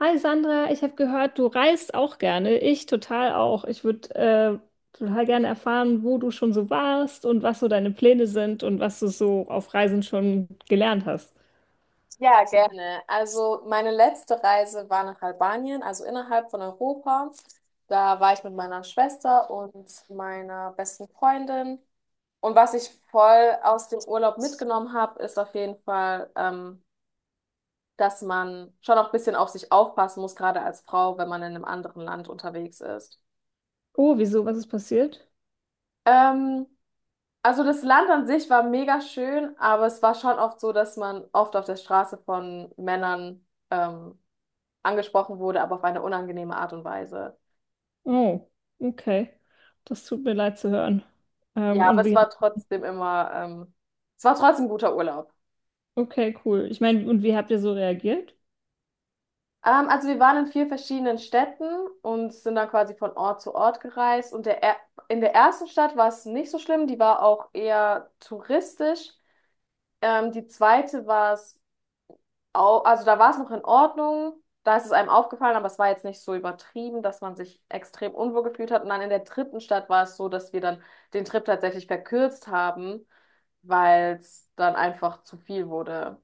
Hi Sandra, ich habe gehört, du reist auch gerne. Ich total auch. Ich würde total gerne erfahren, wo du schon so warst und was so deine Pläne sind und was du so auf Reisen schon gelernt hast. Ja, gerne. Also meine letzte Reise war nach Albanien, also innerhalb von Europa. Da war ich mit meiner Schwester und meiner besten Freundin. Und was ich voll aus dem Urlaub mitgenommen habe, ist auf jeden Fall, dass man schon auch ein bisschen auf sich aufpassen muss, gerade als Frau, wenn man in einem anderen Land unterwegs ist. Oh, wieso? Was ist passiert? Ähm, also das Land an sich war mega schön, aber es war schon oft so, dass man oft auf der Straße von Männern angesprochen wurde, aber auf eine unangenehme Art und Weise. Oh, okay. Das tut mir leid zu hören. Ja, aber Und es wie? war trotzdem immer, es war trotzdem ein guter Urlaub. Okay, cool. Ich meine, und wie habt ihr so reagiert? Also wir waren in vier verschiedenen Städten und sind dann quasi von Ort zu Ort gereist. In der ersten Stadt war es nicht so schlimm, die war auch eher touristisch. Die zweite war es also da war es noch in Ordnung, da ist es einem aufgefallen, aber es war jetzt nicht so übertrieben, dass man sich extrem unwohl gefühlt hat. Und dann in der dritten Stadt war es so, dass wir dann den Trip tatsächlich verkürzt haben, weil es dann einfach zu viel wurde.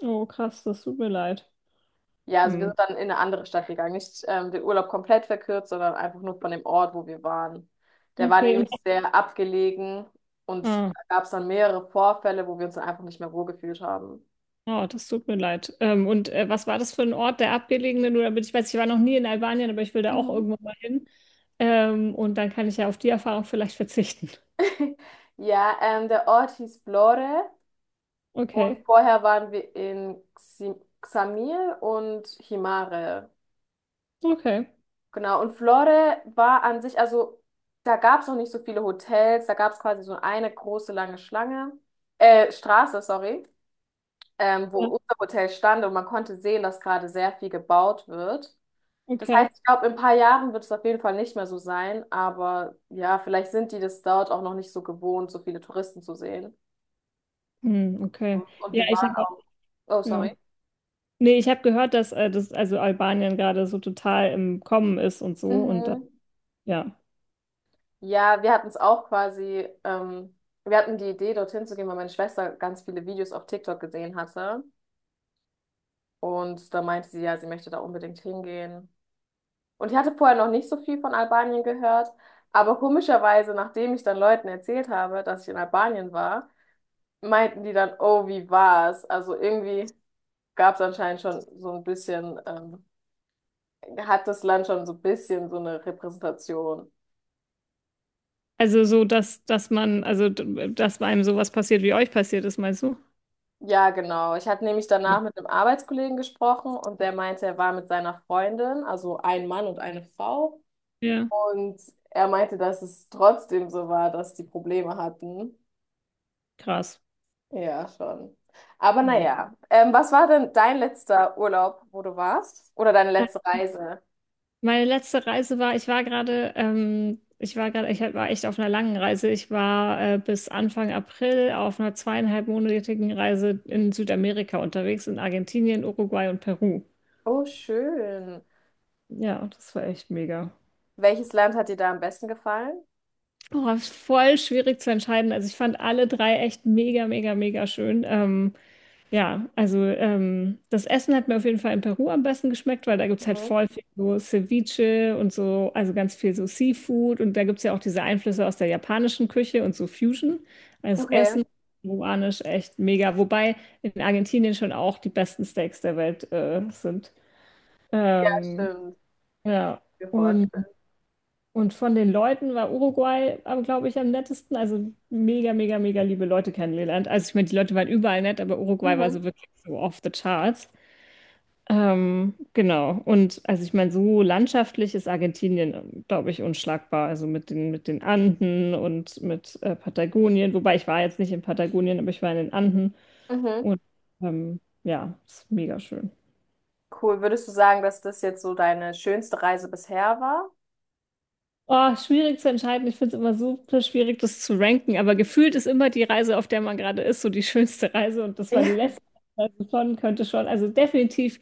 Oh, krass, das tut mir leid. Ja, also wir sind Hm. dann in eine andere Stadt gegangen, nicht den Urlaub komplett verkürzt, sondern einfach nur von dem Ort, wo wir waren. Der war Okay, und nämlich sehr abgelegen und ah. da gab es dann mehrere Vorfälle, wo wir uns dann einfach nicht mehr wohlgefühlt haben. Oh, das tut mir leid. Und was war das für ein Ort, der abgelegene? Nur damit ich weiß, ich war noch nie in Albanien, aber ich will da auch Mhm. irgendwann mal hin. Und dann kann ich ja auf die Erfahrung vielleicht verzichten. Ja, der Ort hieß Vlore. Okay, Und vorher waren wir in Xamil und Himare. okay, Genau, und Flore war an sich, also da gab es noch nicht so viele Hotels, da gab es quasi so eine große lange Schlange, Straße, sorry, wo ja, unser Hotel stand und man konnte sehen, dass gerade sehr viel gebaut wird. Das heißt, okay. ich glaube, in ein paar Jahren wird es auf jeden Fall nicht mehr so sein, aber ja, vielleicht sind die das dort auch noch nicht so gewohnt, so viele Touristen zu sehen. Hm, okay. Und, Ja, ich habe auch, oh, ja. sorry. Nee, ich habe gehört, dass das, also Albanien gerade so total im Kommen ist und so und dann, Mhm. ja. Ja, wir hatten es auch quasi, wir hatten die Idee, dorthin zu gehen, weil meine Schwester ganz viele Videos auf TikTok gesehen hatte. Und da meinte sie ja, sie möchte da unbedingt hingehen. Und ich hatte vorher noch nicht so viel von Albanien gehört, aber komischerweise, nachdem ich dann Leuten erzählt habe, dass ich in Albanien war, meinten die dann, oh, wie war's? Also irgendwie gab es anscheinend schon so ein bisschen, hat das Land schon so ein bisschen so eine Repräsentation. Also so, dass man, also dass bei einem sowas passiert, wie euch passiert ist, meinst du? Ja, genau. Ich hatte nämlich Ja. danach mit einem Arbeitskollegen gesprochen und der meinte, er war mit seiner Freundin, also ein Mann und eine Frau. Ja, Und er meinte, dass es trotzdem so war, dass die Probleme hatten. krass. Ja, schon. Aber Mhm. naja, was war denn dein letzter Urlaub, wo du warst? Oder deine letzte Reise? Meine letzte Reise war, ich war gerade, ich war echt auf einer langen Reise. Ich war bis Anfang April auf einer zweieinhalbmonatigen Reise in Südamerika unterwegs, in Argentinien, Uruguay und Peru. Oh, schön. Ja, das war echt mega. Welches Land hat dir da am besten gefallen? Oh, war voll schwierig zu entscheiden. Also ich fand alle drei echt mega, mega, mega schön. Ja, also das Essen hat mir auf jeden Fall in Peru am besten geschmeckt, weil da gibt es halt Mhm. voll viel so Ceviche und so, also ganz viel so Seafood und da gibt es ja auch diese Einflüsse aus der japanischen Küche und so Fusion. Also das Okay. Essen, peruanisch, echt mega. Wobei in Argentinien schon auch die besten Steaks der Welt sind. Ja, Ähm, stimmt. ja, Mir und, vorstellen. und von den Leuten war Uruguay, glaube ich, am nettesten. Also mega, mega, mega liebe Leute kennengelernt. Also ich meine, die Leute waren überall nett, aber Uruguay war so Mhm. wirklich so off the charts. Genau. Und also ich meine, so landschaftlich ist Argentinien, glaube ich, unschlagbar. Also mit den Anden und mit Patagonien. Wobei ich war jetzt nicht in Patagonien, aber ich war in den Anden. Mhm. Und ja, ist mega schön. Cool. Würdest du sagen, dass das jetzt so deine schönste Reise bisher war? Oh, schwierig zu entscheiden. Ich finde es immer super schwierig, das zu ranken. Aber gefühlt ist immer die Reise, auf der man gerade ist, so die schönste Reise. Und das war die Ja. letzte Reise schon, könnte schon. Also definitiv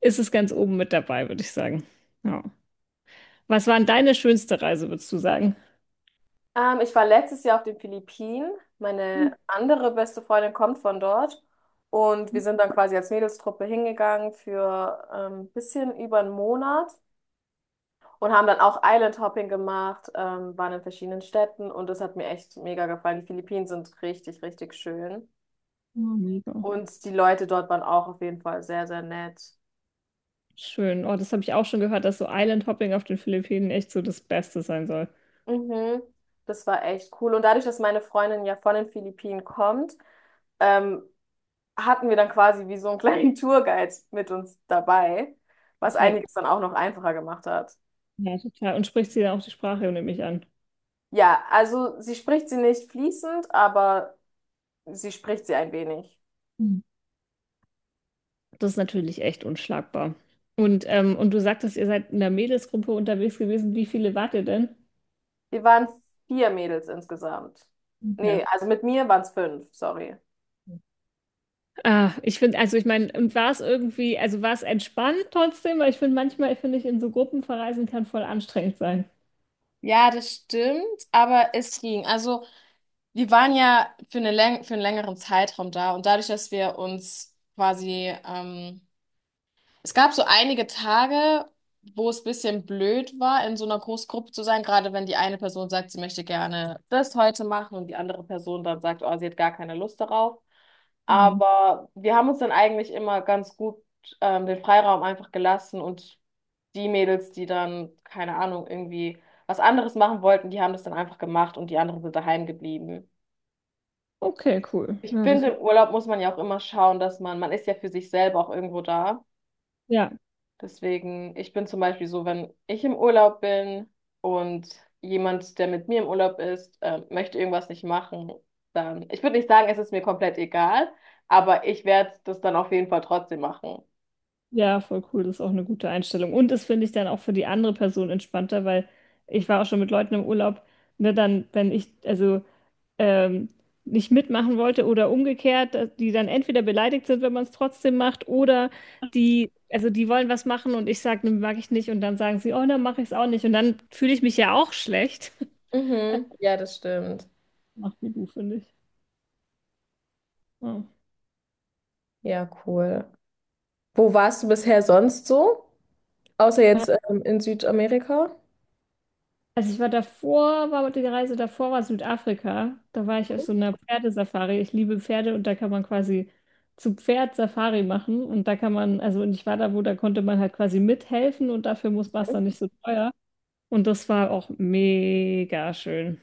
ist es ganz oben mit dabei, würde ich sagen. Ja. Was war denn deine schönste Reise, würdest du sagen? Ich war letztes Jahr auf den Philippinen. Mhm. Meine andere beste Freundin kommt von dort. Und wir sind dann quasi als Mädelstruppe hingegangen für ein bisschen über einen Monat und haben dann auch Island Hopping gemacht, waren in verschiedenen Städten und das hat mir echt mega gefallen. Die Philippinen sind richtig, richtig schön. Ja, mega. Und die Leute dort waren auch auf jeden Fall sehr, sehr nett. Schön. Oh, das habe ich auch schon gehört, dass so Island Hopping auf den Philippinen echt so das Beste sein soll. Mhm. Das war echt cool. Und dadurch, dass meine Freundin ja von den Philippinen kommt, ähm, hatten wir dann quasi wie so einen kleinen Tourguide mit uns dabei, was Check. einiges dann auch noch einfacher gemacht hat. Ja, total. Und spricht sie dann auch die Sprache, nehme ich an. Ja, also sie spricht sie nicht fließend, aber sie spricht sie ein wenig. Mhm. Das ist natürlich echt unschlagbar. Und du sagtest, ihr seid in der Mädelsgruppe unterwegs gewesen. Wie viele wart ihr denn? Wir waren vier Mädels insgesamt. Ja. Nee, also mit mir waren es fünf, sorry. Ah, ich finde, also ich meine, und war es irgendwie, also war es entspannt trotzdem, weil ich finde, manchmal finde ich, in so Gruppen verreisen kann voll anstrengend sein. Ja, das stimmt, aber es ging. Also, wir waren ja für eine Läng für einen längeren Zeitraum da und dadurch, dass wir uns quasi es gab so einige Tage, wo es ein bisschen blöd war, in so einer Großgruppe zu sein, gerade wenn die eine Person sagt, sie möchte gerne das heute machen und die andere Person dann sagt, oh, sie hat gar keine Lust darauf. Mhm. Aber wir haben uns dann eigentlich immer ganz gut den Freiraum einfach gelassen und die Mädels, die dann, keine Ahnung, irgendwie was anderes machen wollten, die haben das dann einfach gemacht und die anderen sind daheim geblieben. Okay, cool. Ich Ja, das, finde, im Urlaub muss man ja auch immer schauen, dass man ist ja für sich selber auch irgendwo da. ja. Deswegen, ich bin zum Beispiel so, wenn ich im Urlaub bin und jemand, der mit mir im Urlaub ist, möchte irgendwas nicht machen, dann, ich würde nicht sagen, es ist mir komplett egal, aber ich werde das dann auf jeden Fall trotzdem machen. Ja, voll cool, das ist auch eine gute Einstellung. Und das finde ich dann auch für die andere Person entspannter, weil ich war auch schon mit Leuten im Urlaub, ne, dann, wenn ich also ähm, nicht mitmachen wollte oder umgekehrt, dass die dann entweder beleidigt sind, wenn man es trotzdem macht, oder die, also die wollen was machen und ich sage, ne, mag ich nicht, und dann sagen sie, oh, dann mache ich es auch nicht. Und dann fühle ich mich ja auch schlecht. Mhm. Ja, das stimmt. Macht die du, finde ich. Ja. Ja, cool. Wo warst du bisher sonst so? Außer jetzt in Südamerika? Also ich war davor, war die Reise davor war Südafrika. Da war ich auf so einer Pferdesafari. Ich liebe Pferde und da kann man quasi zu Pferd Safari machen und da kann man, also und ich war da, wo da konnte man halt quasi mithelfen und dafür muss war es dann nicht so teuer. Und das war auch mega schön.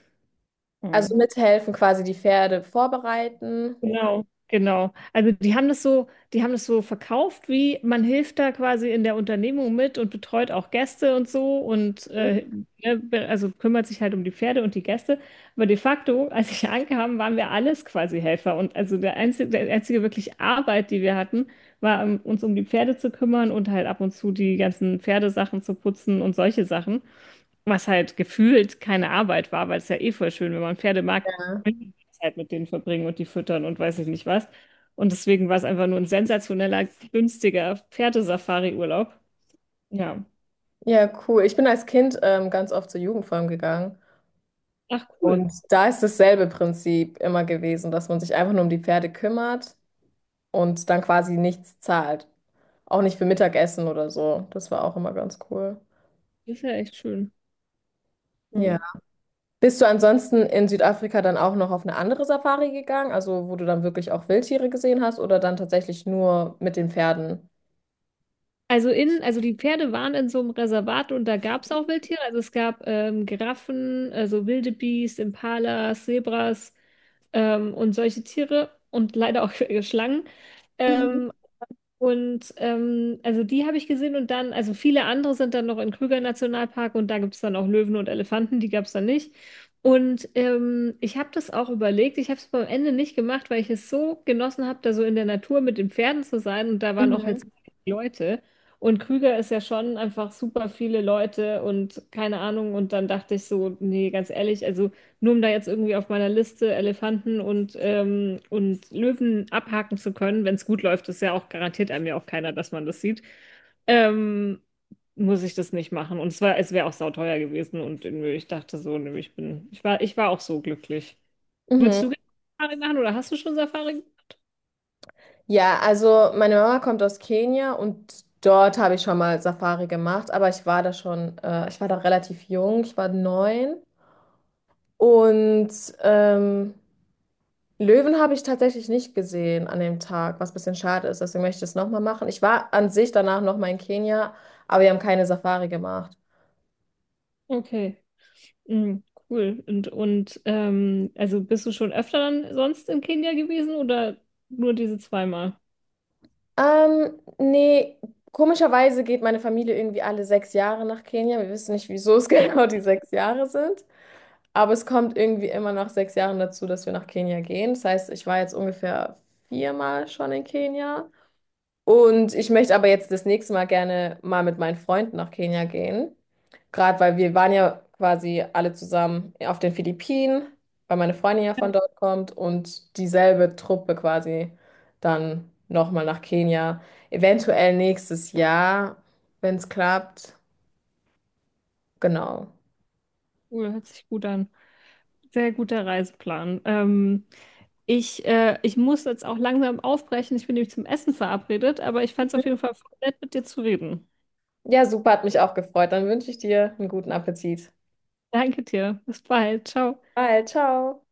Also Mhm. mithelfen, quasi die Pferde vorbereiten. Genau, genau. Also die haben das so, die haben das so verkauft, wie man hilft da quasi in der Unternehmung mit und betreut auch Gäste und so und Mhm. Ne, also kümmert sich halt um die Pferde und die Gäste. Aber de facto, als ich ankam, waren wir alles quasi Helfer. Und also der einzige wirklich Arbeit, die wir hatten, war, uns um die Pferde zu kümmern und halt ab und zu die ganzen Pferdesachen zu putzen und solche Sachen. Was halt gefühlt keine Arbeit war, weil es ja eh voll schön, wenn man Pferde mag, Ja, Zeit mit denen verbringen und die füttern und weiß ich nicht was. Und deswegen war es einfach nur ein sensationeller, günstiger Pferdesafari-Urlaub. Ja. ja, cool. Ich bin als Kind ganz oft zur Jugendform gegangen. Ach cool. Und da ist dasselbe Prinzip immer gewesen, dass man sich einfach nur um die Pferde kümmert und dann quasi nichts zahlt. Auch nicht für Mittagessen oder so. Das war auch immer ganz cool. Das ist ja echt schön. Ja. Ja. Bist du ansonsten in Südafrika dann auch noch auf eine andere Safari gegangen, also wo du dann wirklich auch Wildtiere gesehen hast oder dann tatsächlich nur mit den Pferden? Also in, also die Pferde waren in so einem Reservat und da gab es auch Wildtiere. Also es gab Giraffen, also wilde Biest, Impalas, Zebras und solche Tiere und leider auch Schlangen. Mhm. Ähm, Und also die habe ich gesehen und dann, also viele andere sind dann noch in Krüger Nationalpark und da gibt es dann auch Löwen und Elefanten, die gab es dann nicht. Und ich habe das auch überlegt, ich habe es am Ende nicht gemacht, weil ich es so genossen habe, da so in der Natur mit den Pferden zu sein und da waren auch halt so Mhm. viele Leute. Und Krüger ist ja schon einfach super viele Leute und keine Ahnung. Und dann dachte ich so, nee, ganz ehrlich, also. Nur um da jetzt irgendwie auf meiner Liste Elefanten und Löwen abhaken zu können, wenn es gut läuft, ist ja auch garantiert einem ja auch keiner, dass man das sieht, ähm, muss ich das nicht machen. Und es war, es wäre auch sauteuer gewesen und irgendwie, ich dachte so, nö, ich war auch so glücklich. Würdest Mhm. du gerne Safari machen oder hast du schon Safari? Ja, also meine Mama kommt aus Kenia und dort habe ich schon mal Safari gemacht, aber ich war da schon, ich war da relativ jung, ich war 9. Und ähm, Löwen habe ich tatsächlich nicht gesehen an dem Tag, was ein bisschen schade ist. Deswegen möchte ich es nochmal machen. Ich war an sich danach nochmal in Kenia, aber wir haben keine Safari gemacht. Okay, mhm, cool. Und also bist du schon öfter dann sonst in Kenia gewesen oder nur diese zweimal? Nee, komischerweise geht meine Familie irgendwie alle 6 Jahre nach Kenia. Wir wissen nicht, wieso es genau die sechs Jahre sind. Aber es kommt irgendwie immer nach 6 Jahren dazu, dass wir nach Kenia gehen. Das heißt, ich war jetzt ungefähr viermal schon in Kenia. Und ich möchte aber jetzt das nächste Mal gerne mal mit meinen Freunden nach Kenia gehen. Gerade weil wir waren ja quasi alle zusammen auf den Philippinen, weil meine Freundin ja Ja, von dort kommt und dieselbe Truppe quasi dann nochmal nach Kenia. Eventuell nächstes Jahr, wenn es klappt. Genau. cool, hört sich gut an. Sehr guter Reiseplan. Ich, ich muss jetzt auch langsam aufbrechen. Ich bin nämlich zum Essen verabredet, aber ich fand es auf jeden Fall nett, mit dir zu reden. Ja, super, hat mich auch gefreut. Dann wünsche ich dir einen guten Appetit. Danke dir. Bis bald. Ciao. Bye, ciao.